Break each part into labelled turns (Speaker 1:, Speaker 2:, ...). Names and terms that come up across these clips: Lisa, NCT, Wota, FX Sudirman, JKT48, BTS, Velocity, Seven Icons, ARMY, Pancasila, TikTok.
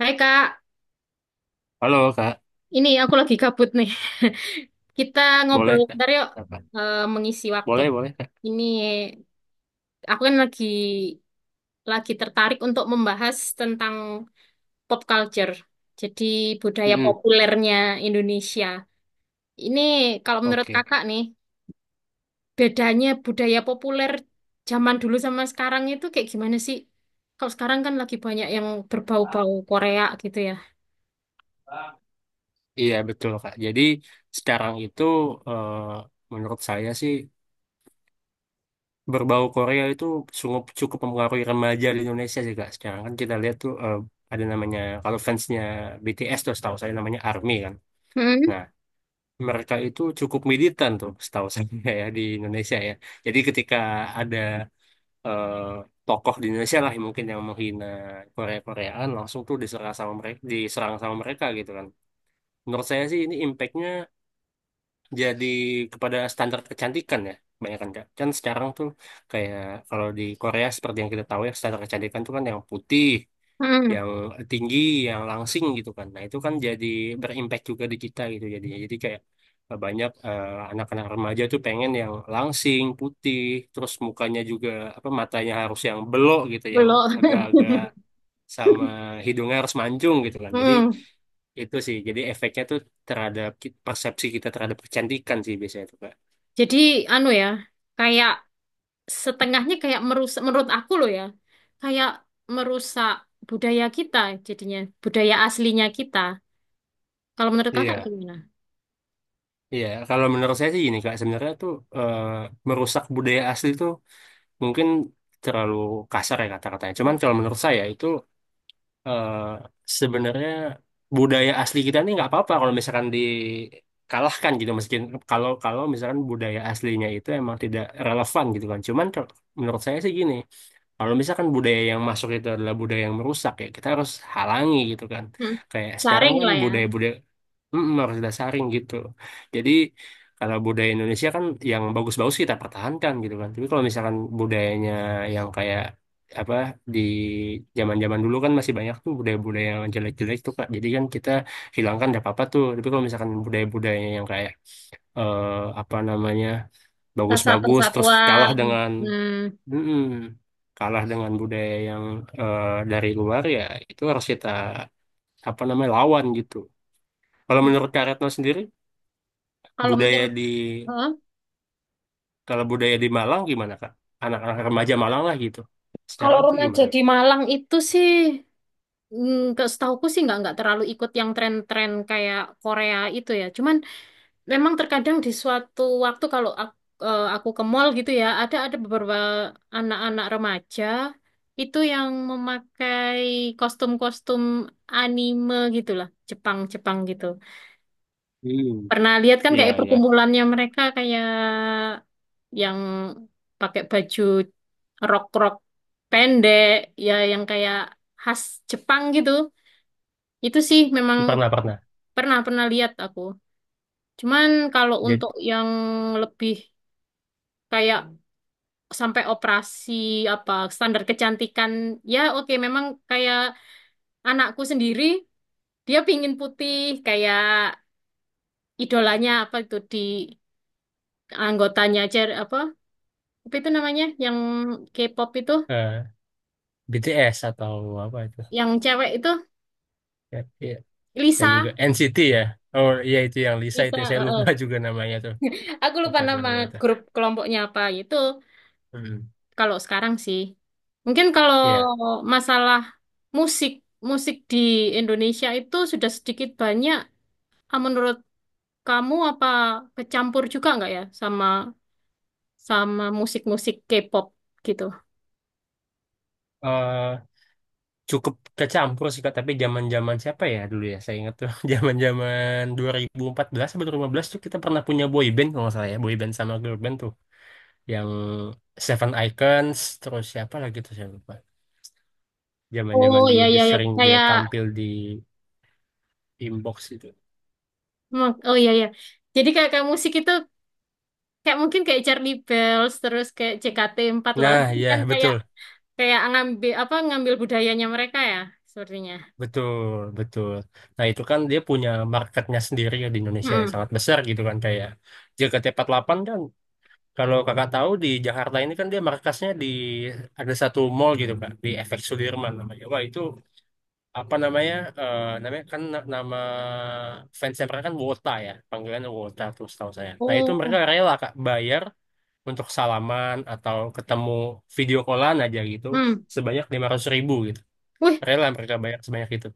Speaker 1: Hai Kak,
Speaker 2: Halo Kak,
Speaker 1: ini aku lagi kabut nih. Kita ngobrol
Speaker 2: boleh Kak?
Speaker 1: bentar yuk,
Speaker 2: Apa?
Speaker 1: mengisi waktu.
Speaker 2: Boleh, boleh Kak.
Speaker 1: Ini aku kan lagi tertarik untuk membahas tentang pop culture. Jadi budaya
Speaker 2: Mm-mm.
Speaker 1: populernya Indonesia. Ini kalau menurut
Speaker 2: Oke,
Speaker 1: Kakak nih, bedanya budaya populer zaman dulu sama sekarang itu kayak gimana sih? Kalau sekarang kan lagi banyak yang berbau-bau Korea gitu ya.
Speaker 2: iya betul Kak. Jadi sekarang itu eh, menurut saya sih berbau Korea itu sungguh cukup mempengaruhi remaja di Indonesia sih Kak. Sekarang kan kita lihat tuh ada namanya kalau fansnya BTS tuh setahu saya namanya ARMY kan.
Speaker 1: Hmm,
Speaker 2: Nah mereka itu cukup militan tuh setahu saya ya di Indonesia ya. Jadi ketika ada eh, tokoh di Indonesia lah yang mungkin yang menghina Korea-Koreaan langsung tuh diserang sama mereka gitu kan, menurut saya sih ini impactnya jadi kepada standar kecantikan ya. Kebanyakan kan kan sekarang tuh kayak kalau di Korea seperti yang kita tahu ya, standar kecantikan tuh kan yang putih,
Speaker 1: hmm,
Speaker 2: yang tinggi, yang langsing gitu kan. Nah, itu kan jadi berimpact juga di kita gitu jadinya. Jadi kayak banyak anak-anak remaja tuh pengen yang langsing, putih, terus mukanya juga apa matanya harus yang belok gitu, yang
Speaker 1: belum.
Speaker 2: agak-agak, sama hidungnya harus mancung gitu kan. Jadi itu sih, jadi efeknya tuh terhadap persepsi kita terhadap kecantikan sih biasanya tuh, Kak.
Speaker 1: Jadi anu ya, kayak setengahnya kayak merusak menurut aku loh ya. Kayak merusak budaya kita jadinya, budaya aslinya kita. Kalau menurut Kakak
Speaker 2: Iya.
Speaker 1: gimana?
Speaker 2: Iya, kalau menurut saya sih gini Kak, sebenarnya tuh eh, merusak budaya asli tuh mungkin terlalu kasar ya kata-katanya. Cuman
Speaker 1: Iya.
Speaker 2: kalau menurut saya itu eh, sebenarnya budaya asli kita ini nggak apa-apa kalau misalkan dikalahkan gitu, meskipun kalau kalau misalkan budaya aslinya itu emang tidak relevan gitu kan. Cuman menurut saya sih gini, kalau misalkan budaya yang masuk itu adalah budaya yang merusak ya kita harus halangi gitu kan.
Speaker 1: Hmm.
Speaker 2: Kayak sekarang
Speaker 1: Saring
Speaker 2: kan
Speaker 1: lah ya,
Speaker 2: budaya-budaya harus dasarin gitu. Jadi kalau budaya Indonesia kan yang bagus-bagus kita pertahankan gitu kan. Tapi kalau misalkan budayanya yang kayak apa di zaman-zaman dulu kan masih banyak tuh budaya-budaya yang jelek-jelek tuh Kak. Jadi kan kita hilangkan enggak apa-apa tuh. Tapi kalau misalkan budaya-budayanya yang kayak eh, apa namanya
Speaker 1: rasa
Speaker 2: bagus-bagus terus
Speaker 1: persatuan. Hmm.
Speaker 2: mm, kalah dengan budaya yang eh, dari luar ya itu harus kita apa namanya lawan gitu. Kalau menurut Kak Retno sendiri
Speaker 1: Kalau
Speaker 2: budaya
Speaker 1: menurut
Speaker 2: di
Speaker 1: Hah?
Speaker 2: kalau budaya di Malang gimana Kak? Anak-anak remaja Malang lah gitu.
Speaker 1: Kalau
Speaker 2: Sekarang tuh
Speaker 1: remaja
Speaker 2: gimana
Speaker 1: di
Speaker 2: tuh?
Speaker 1: Malang itu sih nggak setahuku sih nggak terlalu ikut yang tren-tren kayak Korea itu ya. Cuman memang terkadang di suatu waktu kalau aku ke mall gitu ya, ada beberapa anak-anak remaja itu yang memakai kostum-kostum anime gitulah, Jepang-Jepang gitu.
Speaker 2: Hmm,
Speaker 1: Pernah lihat kan
Speaker 2: iya
Speaker 1: kayak
Speaker 2: iya.
Speaker 1: perkumpulannya mereka kayak yang pakai baju rok-rok pendek ya yang kayak khas Jepang gitu. Itu sih memang
Speaker 2: Pernah pernah.
Speaker 1: pernah pernah lihat aku. Cuman kalau untuk
Speaker 2: Jadi
Speaker 1: yang lebih kayak sampai operasi apa standar kecantikan ya oke memang kayak anakku sendiri dia pingin putih kayak idolanya apa itu di anggotanya aja apa apa itu namanya yang K-pop itu
Speaker 2: eh, BTS atau apa itu?
Speaker 1: yang cewek itu
Speaker 2: Ya, iya. Saya juga
Speaker 1: Lisa.
Speaker 2: NCT ya. Oh iya itu yang Lisa
Speaker 1: Lisa
Speaker 2: itu saya lupa
Speaker 1: heeh.
Speaker 2: juga namanya tuh.
Speaker 1: Aku lupa
Speaker 2: Apa tuh
Speaker 1: nama
Speaker 2: namanya itu?
Speaker 1: grup kelompoknya apa gitu.
Speaker 2: Hmm.
Speaker 1: Kalau sekarang sih mungkin kalau
Speaker 2: Iya.
Speaker 1: masalah musik musik di Indonesia itu sudah sedikit banyak ah, menurut Kamu apa kecampur juga nggak ya sama sama musik-musik K-pop gitu?
Speaker 2: Eh, Cukup kecampur sih Kak, tapi zaman-zaman siapa ya dulu ya? Saya ingat tuh zaman-zaman 2014 atau 2015 tuh kita pernah punya boy band kalau nggak salah ya, boy band sama girl band tuh. Yang Seven Icons terus siapa lagi tuh saya lupa. Zaman-zaman
Speaker 1: Oh
Speaker 2: dulu
Speaker 1: ya
Speaker 2: dia
Speaker 1: ya ya
Speaker 2: sering, dia
Speaker 1: kayak
Speaker 2: tampil di inbox itu.
Speaker 1: hmm, oh ya ya. Jadi kayak kayak musik itu kayak mungkin kayak Charlie Bells terus kayak jkt Empat lah
Speaker 2: Nah ya,
Speaker 1: kan kayak
Speaker 2: betul,
Speaker 1: kayak ngambil budayanya mereka ya sepertinya.
Speaker 2: betul, betul. Nah itu kan dia punya marketnya sendiri ya di Indonesia yang
Speaker 1: Mm-mm.
Speaker 2: sangat besar gitu kan, kayak JKT48 kan. Kalau kakak tahu di Jakarta ini kan dia markasnya di ada satu mall gitu kak, di FX Sudirman namanya. Wah itu apa namanya, namanya kan nama fansnya mereka kan Wota ya, panggilannya Wota tuh setahu saya. Nah itu mereka
Speaker 1: Oh.
Speaker 2: rela kak bayar untuk salaman atau ketemu video callan aja gitu
Speaker 1: Hmm.
Speaker 2: sebanyak 500.000 gitu,
Speaker 1: Wih,
Speaker 2: rela mereka bayar sebanyak itu.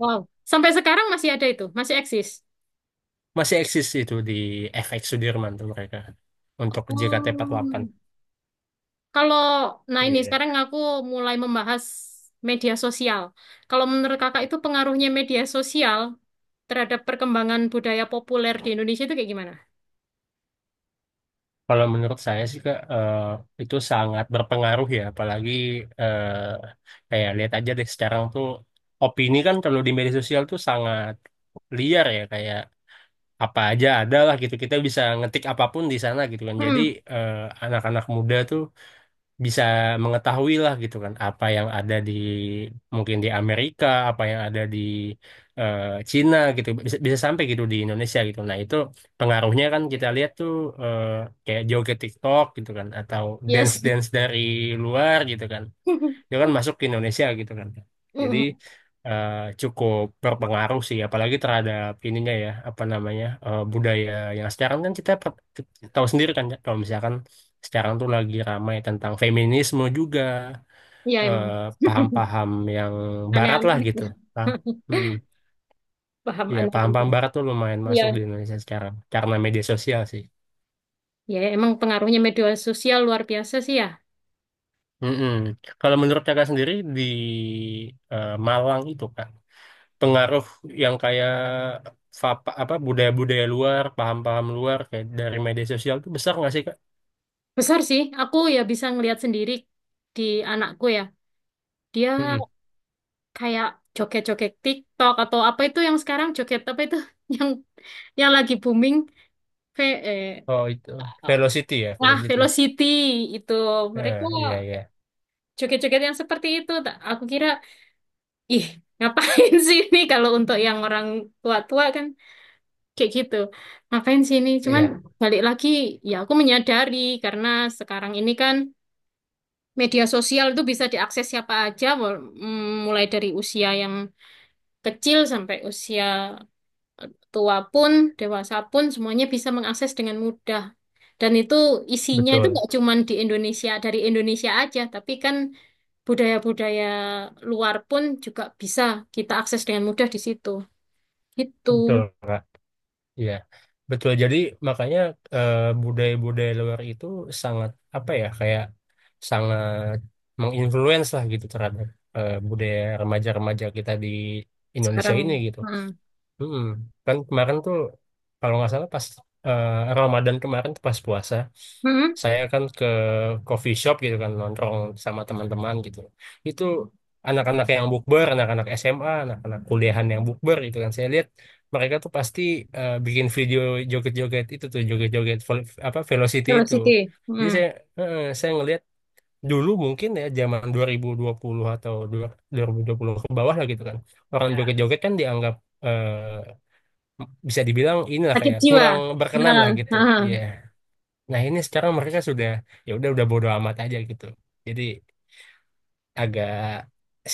Speaker 1: wow. Sampai sekarang masih ada itu, masih eksis.
Speaker 2: Masih eksis itu di FX Sudirman tuh mereka, untuk
Speaker 1: Oh.
Speaker 2: JKT48.
Speaker 1: Kalau, nah ini
Speaker 2: Iya.
Speaker 1: sekarang aku mulai membahas media sosial. Kalau menurut kakak itu pengaruhnya media sosial terhadap perkembangan budaya populer di Indonesia itu kayak gimana?
Speaker 2: Kalau menurut saya sih Kak, itu sangat berpengaruh ya, apalagi kayak lihat aja deh sekarang tuh opini kan kalau di media sosial tuh sangat liar ya, kayak apa aja ada lah gitu, kita bisa ngetik apapun di sana gitu kan. Jadi
Speaker 1: Hmm,
Speaker 2: eh, anak-anak muda tuh bisa mengetahui lah gitu kan apa yang ada di mungkin di Amerika, apa yang ada di eh, Cina gitu bisa bisa sampai gitu di Indonesia gitu. Nah, itu pengaruhnya kan kita lihat tuh eh, kayak joget TikTok gitu kan, atau
Speaker 1: iya sih.
Speaker 2: dance-dance dari luar gitu kan, dia kan masuk ke Indonesia gitu kan. Jadi
Speaker 1: Mm-mm.
Speaker 2: eh, cukup berpengaruh sih, apalagi terhadap ininya ya apa namanya budaya yang sekarang kan kita tahu sendiri kan ya, kalau misalkan sekarang tuh lagi ramai tentang feminisme juga.
Speaker 1: Iya
Speaker 2: eh,
Speaker 1: emang.
Speaker 2: Paham-paham yang barat lah
Speaker 1: Aneh-aneh.
Speaker 2: gitu. Nah, mm,
Speaker 1: Paham
Speaker 2: ya paham-paham
Speaker 1: aneh-aneh.
Speaker 2: barat tuh lumayan
Speaker 1: Iya.
Speaker 2: masuk di Indonesia sekarang karena media sosial sih.
Speaker 1: Ya emang pengaruhnya media sosial luar biasa sih ya.
Speaker 2: Mm-mm. Kalau menurut kakak sendiri di Malang itu kak, pengaruh yang kayak apa budaya-budaya luar, paham-paham luar kayak dari media sosial itu besar nggak sih Kak?
Speaker 1: Besar sih. Aku ya bisa ngelihat sendiri di anakku ya. Dia
Speaker 2: Mm-mm.
Speaker 1: kayak joget-joget TikTok atau apa itu yang sekarang joget apa itu yang yang lagi booming ve eh,
Speaker 2: Oh itu
Speaker 1: um,
Speaker 2: velocity ya,
Speaker 1: ah
Speaker 2: velocity.
Speaker 1: Velocity itu mereka
Speaker 2: Ah, iya iya,
Speaker 1: joget-joget yang seperti itu tak aku kira ih ngapain sih ini kalau untuk yang orang tua-tua kan kayak gitu ngapain sih ini cuman
Speaker 2: iya
Speaker 1: balik lagi ya aku menyadari karena sekarang ini kan media sosial itu bisa diakses siapa aja mulai dari usia yang kecil sampai usia tua pun, dewasa pun semuanya bisa mengakses dengan mudah. Dan itu isinya itu
Speaker 2: betul
Speaker 1: nggak cuma di Indonesia, dari Indonesia aja, tapi kan budaya-budaya luar pun juga bisa kita akses dengan mudah di situ. Itu.
Speaker 2: betul Kak. Iya betul. Jadi makanya eh, budaya-budaya luar itu sangat apa ya kayak sangat menginfluence lah gitu terhadap budaya remaja-remaja kita di Indonesia ini
Speaker 1: Sekarang,
Speaker 2: gitu.
Speaker 1: hmm.
Speaker 2: Hmm, kan kemarin tuh kalau nggak salah pas eh, Ramadan kemarin tuh pas puasa,
Speaker 1: Hmm.
Speaker 2: saya kan ke coffee shop gitu kan nongkrong sama teman-teman gitu. Itu anak-anak yang bukber, anak-anak SMA, anak-anak kuliahan yang bukber gitu kan. Saya lihat mereka tuh pasti bikin video joget-joget itu tuh, joget-joget apa velocity itu.
Speaker 1: Velocity.
Speaker 2: Jadi
Speaker 1: Hmm.
Speaker 2: saya ngelihat dulu mungkin ya zaman dua 2020 atau 2020 ke bawah lah gitu kan. Orang, ya, joget-joget kan dianggap eh, bisa dibilang inilah
Speaker 1: Sakit
Speaker 2: kayak
Speaker 1: jiwa.
Speaker 2: kurang berkenan lah
Speaker 1: Nah,
Speaker 2: gitu. Iya.
Speaker 1: nah.
Speaker 2: Nah, ini sekarang mereka sudah ya udah bodo amat aja gitu. Jadi agak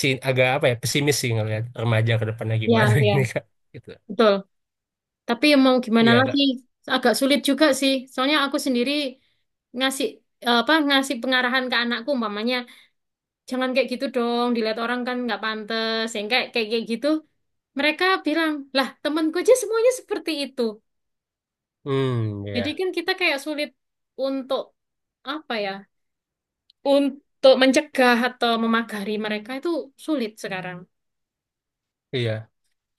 Speaker 2: agak apa ya pesimis sih ngelihat remaja ke depannya
Speaker 1: Ya,
Speaker 2: gimana
Speaker 1: ya,
Speaker 2: ini Kak gitu.
Speaker 1: betul. Tapi mau gimana
Speaker 2: Iya,
Speaker 1: lagi,
Speaker 2: Kak.
Speaker 1: agak sulit juga sih. Soalnya aku sendiri ngasih eh, apa ngasih pengarahan ke anakku umpamanya jangan kayak gitu dong dilihat orang kan nggak pantas yang kayak kayak kayak gitu mereka bilang lah temanku aja semuanya seperti itu
Speaker 2: Hmm,
Speaker 1: jadi
Speaker 2: iya.
Speaker 1: kan kita kayak sulit untuk apa ya untuk mencegah atau memagari mereka itu sulit sekarang
Speaker 2: Iya.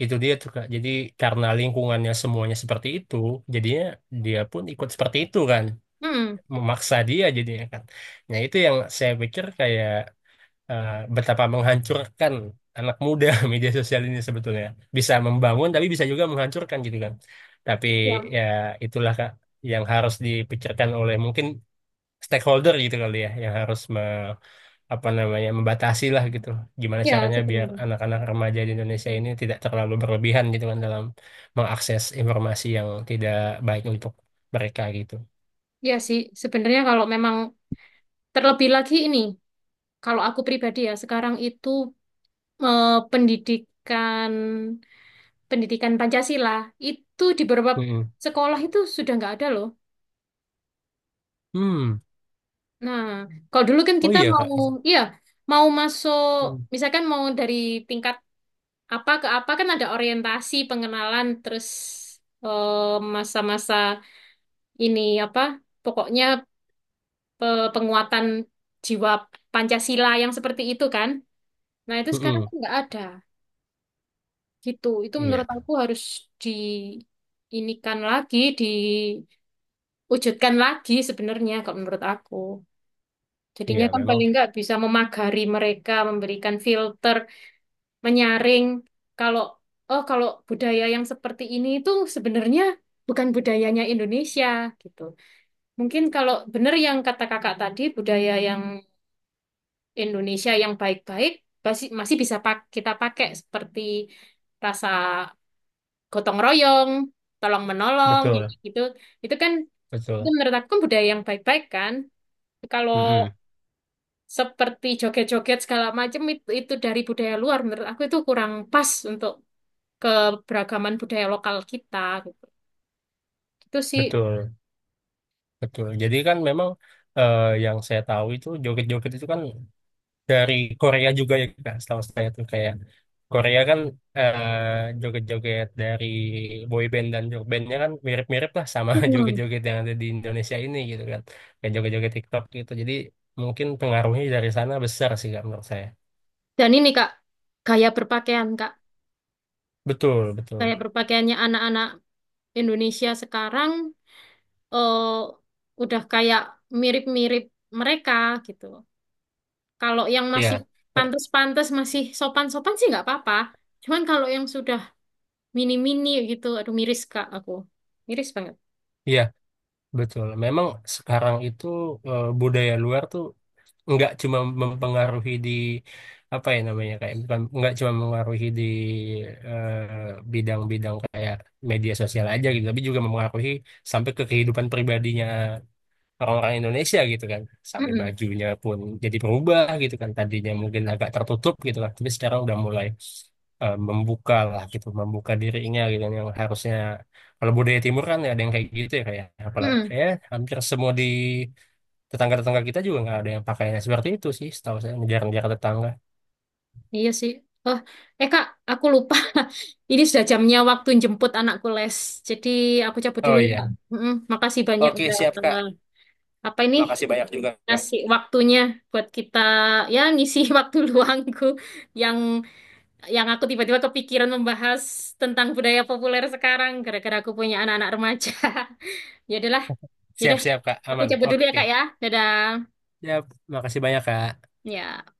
Speaker 2: Itu dia tuh Kak. Jadi karena lingkungannya semuanya seperti itu, jadinya dia pun ikut seperti itu kan.
Speaker 1: hmm.
Speaker 2: Memaksa dia jadinya kan. Nah, itu yang saya pikir kayak eh, betapa menghancurkan anak muda media sosial ini sebetulnya. Bisa membangun tapi bisa juga menghancurkan gitu kan. Tapi
Speaker 1: Ya.
Speaker 2: ya itulah Kak yang harus dipikirkan oleh mungkin stakeholder gitu kali ya, yang harus apa namanya membatasi lah gitu. Gimana
Speaker 1: Ya
Speaker 2: caranya biar
Speaker 1: sebenarnya
Speaker 2: anak-anak remaja di Indonesia ini tidak terlalu berlebihan gitu kan dalam mengakses informasi yang tidak baik untuk mereka gitu.
Speaker 1: ya sih sebenarnya kalau memang terlebih lagi ini kalau aku pribadi ya sekarang itu pendidikan pendidikan Pancasila itu di beberapa
Speaker 2: Mm-mm.
Speaker 1: sekolah itu sudah nggak ada loh.
Speaker 2: Hmm.
Speaker 1: Nah, kalau dulu kan
Speaker 2: Oh
Speaker 1: kita
Speaker 2: iya
Speaker 1: mau,
Speaker 2: Kak itu.
Speaker 1: iya, mau masuk,
Speaker 2: Mm.
Speaker 1: misalkan mau dari tingkat apa ke apa kan ada orientasi, pengenalan, terus eh, masa-masa ini apa, pokoknya penguatan jiwa Pancasila yang seperti itu kan. Nah, itu sekarang
Speaker 2: Mm-mm.
Speaker 1: kan nggak ada. Gitu. Itu
Speaker 2: Iya,
Speaker 1: menurut aku harus di inikan lagi, diwujudkan lagi sebenarnya kalau menurut aku.
Speaker 2: iya
Speaker 1: Jadinya kan
Speaker 2: memang
Speaker 1: paling nggak bisa memagari mereka, memberikan filter menyaring kalau oh kalau budaya yang seperti ini itu sebenarnya bukan budayanya Indonesia gitu. Mungkin kalau benar yang kata kakak tadi budaya yang Indonesia yang baik-baik masih masih bisa kita pakai seperti rasa gotong royong, tolong menolong yang
Speaker 2: betul.
Speaker 1: kayak gitu. Itu kan itu
Speaker 2: Betul.
Speaker 1: menurut aku kan budaya yang baik-baik kan. Kalau
Speaker 2: Mm-mm.
Speaker 1: seperti joget-joget segala macam itu dari budaya luar menurut aku itu kurang pas untuk keberagaman budaya lokal kita gitu. Itu sih.
Speaker 2: Betul, betul. Jadi kan memang yang saya tahu itu joget-joget itu kan dari Korea juga ya Kak, setahu saya tuh kayak Korea kan joget-joget dari boy band dan girl bandnya kan mirip-mirip lah sama
Speaker 1: Hmm.
Speaker 2: joget-joget yang ada di Indonesia ini gitu kan. Kayak joget-joget TikTok gitu. Jadi mungkin pengaruhnya dari sana besar sih Kak menurut saya.
Speaker 1: Dan ini Kak, gaya berpakaian Kak,
Speaker 2: Betul,
Speaker 1: gaya
Speaker 2: betul.
Speaker 1: berpakaiannya anak-anak Indonesia sekarang eh, udah kayak mirip-mirip mereka gitu. Kalau yang masih
Speaker 2: Iya. Eh,
Speaker 1: pantas-pantas, masih sopan-sopan sih nggak apa-apa. Cuman kalau yang sudah mini-mini gitu, aduh miris Kak aku. Miris banget.
Speaker 2: Iya, betul. Memang sekarang itu budaya luar tuh nggak cuma mempengaruhi di apa ya namanya kayak bukan nggak cuma mempengaruhi di eh, bidang-bidang kayak media sosial aja gitu tapi juga mempengaruhi sampai ke kehidupan pribadinya orang-orang Indonesia gitu kan sampai
Speaker 1: Mm-mm.
Speaker 2: bajunya pun jadi berubah gitu kan, tadinya mungkin agak tertutup gitu kan tapi sekarang udah mulai membuka lah gitu membuka dirinya gitu kan. Yang harusnya kalau budaya timur kan ada yang kayak gitu ya, kayak apalagi
Speaker 1: Mm-mm.
Speaker 2: ya hampir semua di tetangga-tetangga kita juga nggak ada yang pakainya seperti itu sih setahu saya, ngejar-ngejar tetangga.
Speaker 1: Iya sih. Oh, eh Kak, aku lupa. Ini sudah jamnya waktu jemput anakku les. Jadi aku cabut
Speaker 2: Oh
Speaker 1: dulu,
Speaker 2: iya,
Speaker 1: Kak. Mm-mm. Makasih banyak
Speaker 2: oke
Speaker 1: udah
Speaker 2: siap kak,
Speaker 1: eh, apa ini
Speaker 2: makasih banyak juga kak,
Speaker 1: ngasih waktunya buat kita ya ngisi waktu luangku yang yang aku tiba-tiba kepikiran membahas tentang budaya populer sekarang gara-gara aku punya anak-anak remaja. Ya udahlah, ya udah.
Speaker 2: siap-siap kak
Speaker 1: Aku
Speaker 2: aman,
Speaker 1: cabut dulu ya,
Speaker 2: oke
Speaker 1: Kak ya. Dadah.
Speaker 2: siap, makasih banyak kak.
Speaker 1: Ya.